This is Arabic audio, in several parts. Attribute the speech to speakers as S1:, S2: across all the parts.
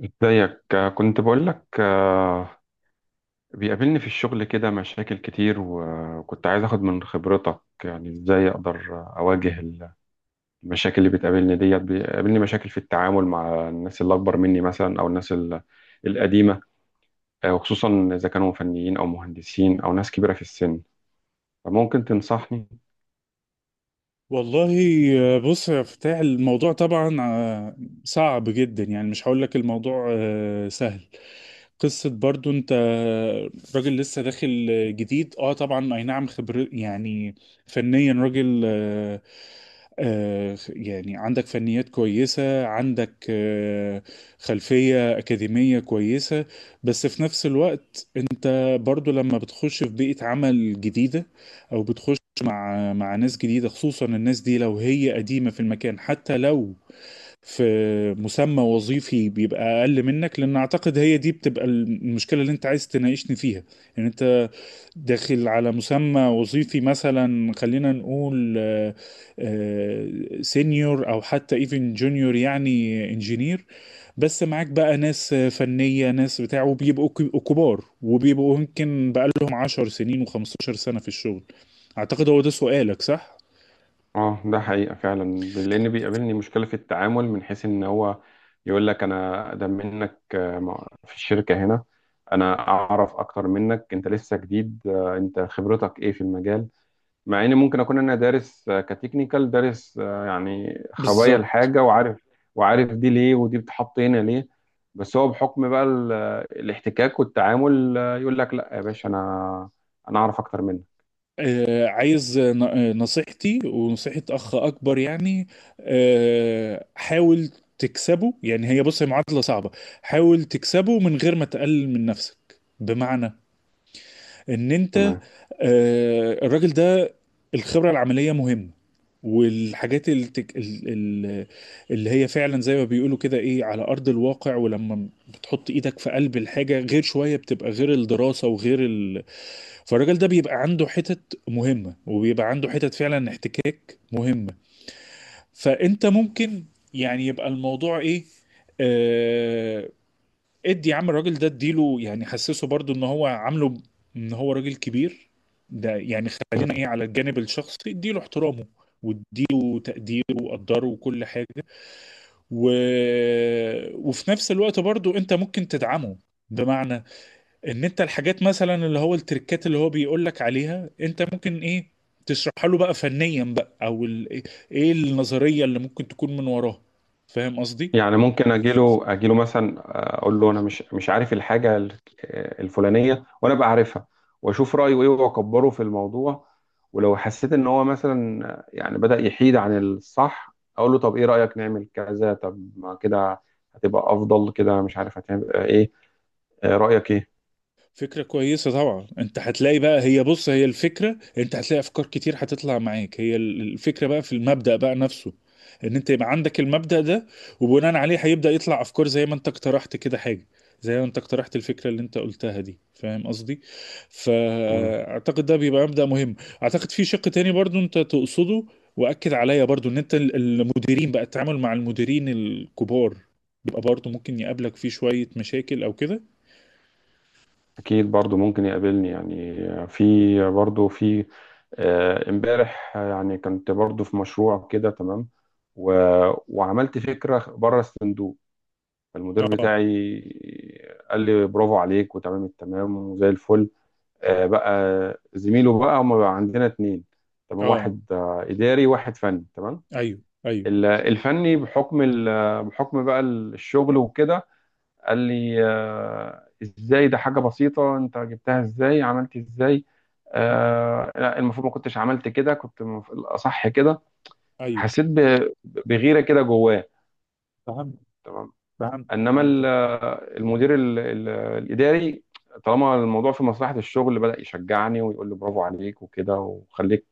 S1: ازيك؟ كنت بقول لك. بيقابلني في الشغل كده مشاكل كتير، وكنت عايز اخد من خبرتك، يعني ازاي اقدر اواجه المشاكل اللي بتقابلني ديت. بيقابلني مشاكل في التعامل مع الناس اللي اكبر مني مثلا، او الناس القديمة. وخصوصا اذا كانوا فنيين او مهندسين او ناس كبيرة في السن، فممكن تنصحني؟
S2: والله، بص يا فتاح. الموضوع طبعا صعب جدا. يعني مش هقول لك الموضوع سهل. قصة برضو انت راجل لسه داخل جديد، طبعا، اي نعم خبر يعني. فنيا راجل، يعني عندك فنيات كويسة، عندك خلفية أكاديمية كويسة. بس في نفس الوقت انت برضو لما بتخش في بيئة عمل جديدة، او بتخش مع ناس جديدة، خصوصا الناس دي لو هي قديمة في المكان، حتى لو في مسمى وظيفي بيبقى أقل منك. لأن أعتقد هي دي بتبقى المشكلة اللي أنت عايز تناقشني فيها. يعني أنت داخل على مسمى وظيفي مثلا، خلينا نقول سينيور أو حتى إيفن جونيور، يعني انجينير. بس معاك بقى ناس فنية، ناس بتاع، وبيبقوا كبار، وبيبقوا يمكن بقالهم 10 سنين و15 سنة في الشغل. أعتقد هو ده سؤالك، صح؟
S1: اه، ده حقيقة فعلا. لأن بيقابلني مشكلة في التعامل، من حيث إن هو يقول لك أنا أقدم منك في الشركة هنا، أنا أعرف أكتر منك، أنت لسه جديد، أنت خبرتك إيه في المجال؟ مع إن ممكن أكون أنا دارس، كتكنيكال، دارس يعني خبايا
S2: بالظبط.
S1: الحاجة، وعارف، وعارف دي ليه ودي بتحط هنا ليه. بس هو بحكم بقى الاحتكاك والتعامل، يقول لك لا يا باشا أنا أعرف أكتر منك.
S2: عايز نصيحتي ونصيحة أخ أكبر، يعني. حاول تكسبه. يعني هي بص، هي معادلة صعبة. حاول تكسبه من غير ما تقلل من نفسك. بمعنى ان انت،
S1: تمام.
S2: الراجل ده، الخبره العمليه مهمه. والحاجات اللي هي فعلا زي ما بيقولوا كده، ايه، على ارض الواقع. ولما بتحط ايدك في قلب الحاجه غير شويه، بتبقى غير الدراسه وغير فالراجل ده بيبقى عنده حتت مهمه، وبيبقى عنده حتت فعلا احتكاك مهمه. فانت ممكن، يعني يبقى الموضوع ايه، آه، ادي يا عم الراجل ده، اديله، يعني حسسه برضو ان هو عامله ان هو راجل كبير. ده يعني خلينا ايه، على الجانب الشخصي اديله احترامه، واديله تقديره وقدره وكل حاجة. و... وفي نفس الوقت برضو انت ممكن تدعمه. بمعنى ان انت الحاجات مثلا اللي هو التركات اللي هو بيقول لك عليها، انت ممكن ايه، تشرحها له بقى فنيا بقى، او ايه النظرية اللي ممكن تكون من وراه. فاهم قصدي؟
S1: يعني ممكن اجيله مثلا، اقول له انا مش عارف الحاجه الفلانيه، وانا بقى عارفها، واشوف رايه ايه واكبره في الموضوع. ولو حسيت ان هو مثلا يعني بدا يحيد عن الصح، اقول له طب ايه رايك نعمل كذا، طب ما كده هتبقى افضل، كده مش عارف هتبقى ايه. رايك ايه؟
S2: فكرة كويسة طبعا. انت هتلاقي بقى، هي بص هي الفكرة، انت هتلاقي افكار كتير هتطلع معاك. هي الفكرة بقى في المبدأ بقى نفسه، ان انت يبقى عندك المبدأ ده. وبناء عليه هيبدأ يطلع افكار زي ما انت اقترحت كده، حاجة زي ما انت اقترحت. الفكرة اللي انت قلتها دي، فاهم قصدي.
S1: تمام.
S2: فاعتقد ده بيبقى مبدأ مهم. اعتقد في شق تاني برضو انت تقصده، واكد عليا برضو، ان انت المديرين بقى، التعامل مع المديرين الكبار بيبقى برضو ممكن يقابلك فيه شوية مشاكل او كده.
S1: اكيد برضو ممكن يقابلني، يعني في برضو في، امبارح يعني كنت برضو في مشروع كده، تمام، و... وعملت فكرة بره الصندوق. المدير
S2: اه
S1: بتاعي قال لي برافو عليك، وتمام التمام، وزي الفل. بقى زميله بقى، هما بقى عندنا اتنين، تمام،
S2: اه،
S1: واحد إداري، واحد فني، تمام.
S2: ايوه ايوه
S1: الفني بحكم بحكم بقى الشغل وكده، قال لي ازاي ده؟ حاجة بسيطة، انت جبتها ازاي، عملت ازاي؟ لا، المفروض ما كنتش عملت كده، كنت الاصح كده.
S2: ايوه.
S1: حسيت بغيرة كده جواه.
S2: فهمت
S1: تمام.
S2: فهمت
S1: انما
S2: فهمت.
S1: المدير الاداري، طالما الموضوع في مصلحة الشغل، بدأ يشجعني ويقول لي برافو عليك وكده، وخليك،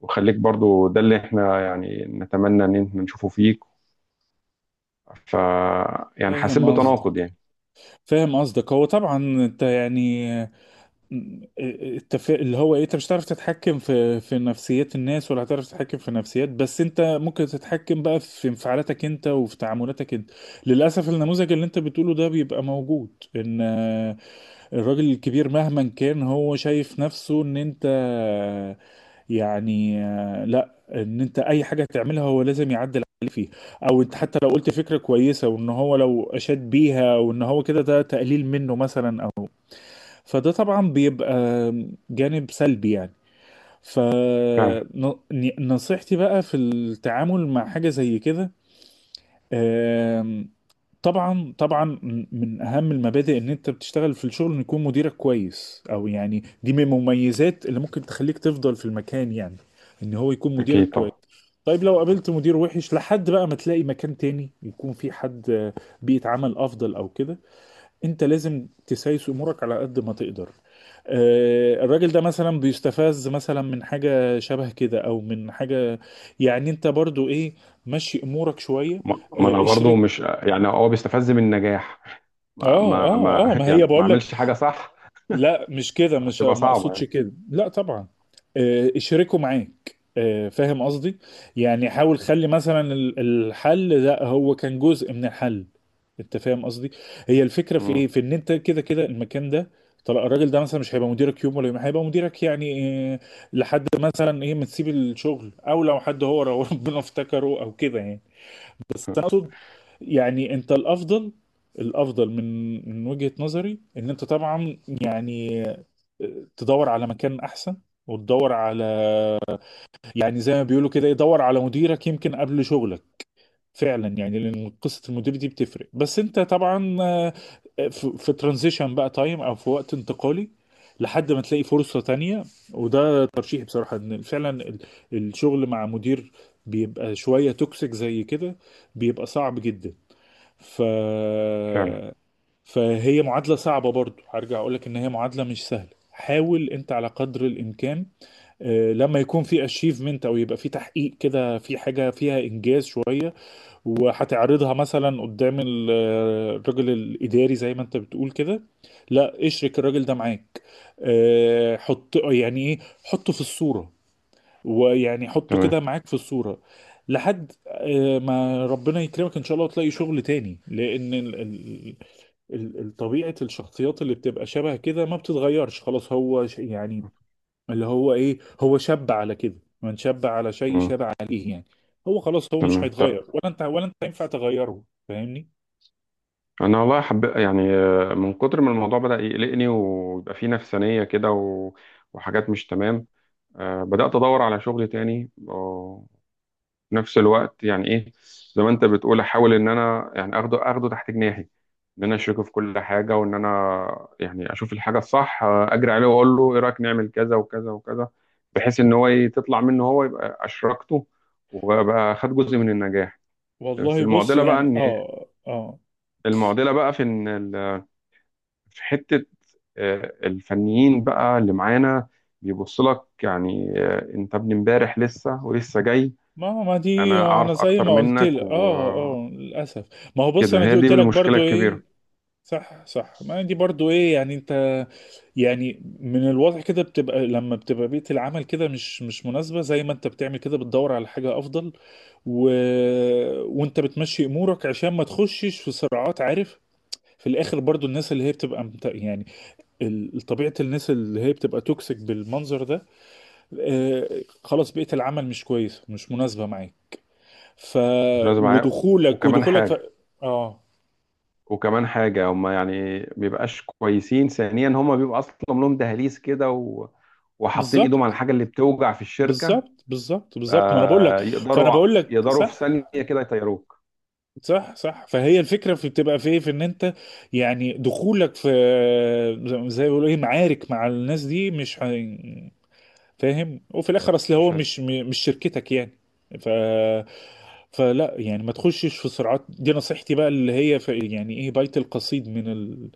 S1: وخليك برضو، ده اللي احنا يعني نتمنى ان احنا نشوفه فيك. ف يعني حسيت
S2: فاهم قصدك،
S1: بتناقض يعني.
S2: فاهم قصدك. هو طبعا انت يعني، اللي هو ايه، انت مش هتعرف تتحكم في نفسيات الناس، ولا هتعرف تتحكم في نفسيات. بس انت ممكن تتحكم بقى في انفعالاتك انت، وفي تعاملاتك انت. للاسف النموذج اللي انت بتقوله ده بيبقى موجود، ان الراجل الكبير مهما كان هو شايف نفسه ان انت يعني لا، ان انت اي حاجه تعملها هو لازم يعدل عليك فيه، او انت حتى لو قلت فكره كويسه وان هو لو اشاد بيها وان هو كده ده تقليل منه مثلا، او. فده طبعا بيبقى جانب سلبي يعني.
S1: فعلا.
S2: فنصيحتي بقى في التعامل مع حاجه زي كده. آمم، طبعا طبعا. من اهم المبادئ ان انت بتشتغل في الشغل ان يكون مديرك كويس، او يعني دي من المميزات اللي ممكن تخليك تفضل في المكان، يعني ان هو يكون مديرك
S1: اكيد
S2: كويس.
S1: طبعا.
S2: طيب، لو قابلت مدير وحش لحد بقى ما تلاقي مكان تاني يكون في حد بيئة عمل افضل او كده، انت لازم تسايس امورك على قد ما تقدر. الراجل ده مثلا بيستفز مثلا من حاجة شبه كده او من حاجة، يعني انت برضو ايه، مشي امورك شوية.
S1: ما انا برضو، مش يعني هو بيستفز من النجاح.
S2: اه
S1: ما ما
S2: اه اه،
S1: ما
S2: ما
S1: يعني
S2: هي
S1: ما
S2: بقول لك،
S1: اعملش حاجه صح؟
S2: لا مش كده، مش
S1: هتبقى
S2: ما
S1: صعبه
S2: اقصدش
S1: يعني.
S2: كده، لا طبعا. اشركه معاك. فاهم قصدي. يعني حاول خلي مثلا الحل ده هو كان جزء من الحل. انت فاهم قصدي. هي الفكره في ايه،
S1: امم.
S2: في ان انت كده كده المكان ده. طلع الراجل ده مثلا مش هيبقى مديرك يوم ولا يوم هيبقى مديرك، يعني آه، لحد مثلا ايه ما تسيب الشغل، او لو حد هو لو ربنا افتكره او كده يعني. بس انا اقصد، يعني انت الافضل. الافضل من وجهة نظري، ان انت طبعا يعني تدور على مكان احسن. وتدور على، يعني زي ما بيقولوا كده، يدور على مديرك يمكن قبل شغلك، فعلا. يعني لان قصه المدير دي بتفرق. بس انت طبعا في ترانزيشن بقى تايم، او في وقت انتقالي، لحد ما تلاقي فرصه تانية. وده ترشيحي بصراحه، ان فعلا الشغل مع مدير بيبقى شويه توكسيك زي كده بيبقى صعب جدا. ف
S1: فعلا.
S2: فهي معادلة صعبة برضو، هرجع اقول لك ان هي معادلة مش سهلة. حاول انت على قدر الامكان لما يكون في اشيفمنت، او يبقى في تحقيق كده في حاجة فيها انجاز شوية، وهتعرضها مثلا قدام الراجل الاداري زي ما انت بتقول كده، لا اشرك الراجل ده معاك. حط يعني ايه، حطه في الصورة. ويعني حطه
S1: تمام.
S2: كده معاك في الصورة، لحد ما ربنا يكرمك ان شاء الله وتلاقي شغل تاني. لان طبيعة الشخصيات اللي بتبقى شبه كده ما بتتغيرش. خلاص هو يعني، اللي هو ايه، هو شاب على كده، من شاب على شيء
S1: امم.
S2: شاب عليه، يعني هو خلاص هو مش
S1: تمام، طب
S2: هيتغير، ولا انت، ولا انت ينفع تغيره. فاهمني.
S1: انا والله حب يعني، من كتر ما الموضوع بدأ يقلقني ويبقى فيه نفسانيه كده، وحاجات مش تمام. بدأت ادور على شغل تاني، في نفس الوقت، يعني ايه، زي ما انت بتقول، احاول ان انا يعني اخده تحت جناحي، ان انا اشركه في كل حاجه، وان انا يعني اشوف الحاجه الصح اجري عليه، واقول له ايه رايك نعمل كذا وكذا وكذا، بحيث ان هو تطلع منه هو، يبقى اشركته، وابقى خد جزء من النجاح. بس
S2: والله بص يعني اه اه،
S1: المعضله بقى في ان في حته، الفنيين بقى اللي معانا بيبص لك، يعني انت ابن امبارح لسه ولسه جاي،
S2: ما دي
S1: انا
S2: انا
S1: اعرف
S2: زي
S1: اكتر
S2: ما قلت
S1: منك
S2: لك اه اه للاسف. ما هو بص
S1: كده،
S2: انا
S1: هي
S2: دي
S1: دي
S2: قلت لك
S1: المشكله
S2: برضو
S1: الكبيره،
S2: ايه، صح صح، ما دي برضو ايه. يعني انت، يعني من الواضح كده بتبقى، لما بتبقى بيئة العمل كده مش مش مناسبة، زي ما انت بتعمل كده بتدور على حاجة افضل. و... وانت بتمشي امورك عشان ما تخشش في صراعات، عارف. في الاخر برضو الناس اللي هي بتبقى يعني طبيعة الناس اللي هي بتبقى توكسيك بالمنظر ده. آه، خلاص، بيئة العمل مش كويسة، مش مناسبة معاك. ف
S1: لازم معاه.
S2: ودخولك
S1: وكمان
S2: ودخولك
S1: حاجه
S2: اه
S1: وكمان حاجه هم يعني بيبقاش كويسين. ثانيا، هم بيبقى اصلا لهم دهاليز كده، وحاطين ايدهم على
S2: بالظبط
S1: الحاجه اللي بتوجع في الشركه.
S2: بالظبط بالظبط بالظبط، ما انا بقول لك.
S1: فيقدروا
S2: فانا
S1: يقدروا
S2: بقول لك
S1: يقدروا في
S2: صح
S1: ثانيه كده يطيروك.
S2: صح صح. فهي الفكره في بتبقى في إيه؟ في ان انت يعني دخولك في، زي ما بيقولوا ايه، معارك مع الناس دي مش فاهم. وفي الاخر اصل هو
S1: مش هت...
S2: مش مش شركتك يعني. ف فلا يعني ما تخشش في صراعات، دي نصيحتي بقى اللي هي يعني ايه، بيت القصيد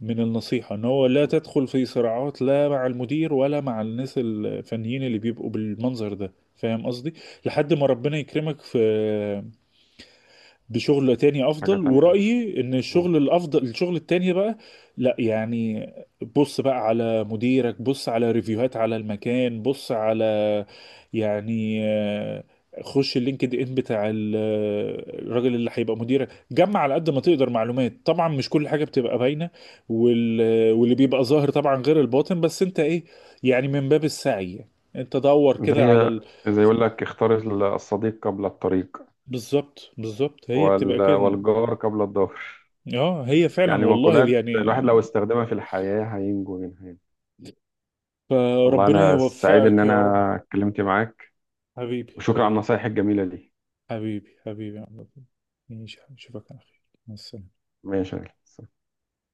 S2: من النصيحة، ان هو لا تدخل في صراعات، لا مع المدير ولا مع الناس الفنيين اللي بيبقوا بالمنظر ده، فاهم قصدي. لحد ما ربنا يكرمك في بشغل تاني
S1: حاجه
S2: افضل.
S1: تانيه بس.
S2: ورأيي ان
S1: مم.
S2: الشغل الافضل الشغل التاني بقى، لا يعني، بص بقى على مديرك، بص على ريفيوهات، على المكان، بص على، يعني خش اللينكد ان بتاع الراجل اللي هيبقى مديرك، جمع على قد ما تقدر معلومات، طبعا مش كل حاجة بتبقى باينة. واللي بيبقى ظاهر طبعا غير الباطن، بس انت ايه، يعني من باب السعي، انت دور كده على
S1: زي زي يقول لك، اختار الصديق قبل الطريق،
S2: بالظبط بالظبط، هي بتبقى كده.
S1: والجار قبل الضهر.
S2: اه، هي فعلا
S1: يعني
S2: والله
S1: مقولات
S2: يعني.
S1: الواحد لو استخدمها في الحياه، هينجو منها يعني. والله
S2: فربنا
S1: انا سعيد ان
S2: يوفقك يا رب.
S1: انا اتكلمت معاك،
S2: حبيبي
S1: وشكرا على
S2: حبيبي،
S1: النصايح الجميلة دي.
S2: حبيبي حبيبي يا عبد الله. ماشي، اشوفك على خير. مع السلامة.
S1: ماشي يا غالي.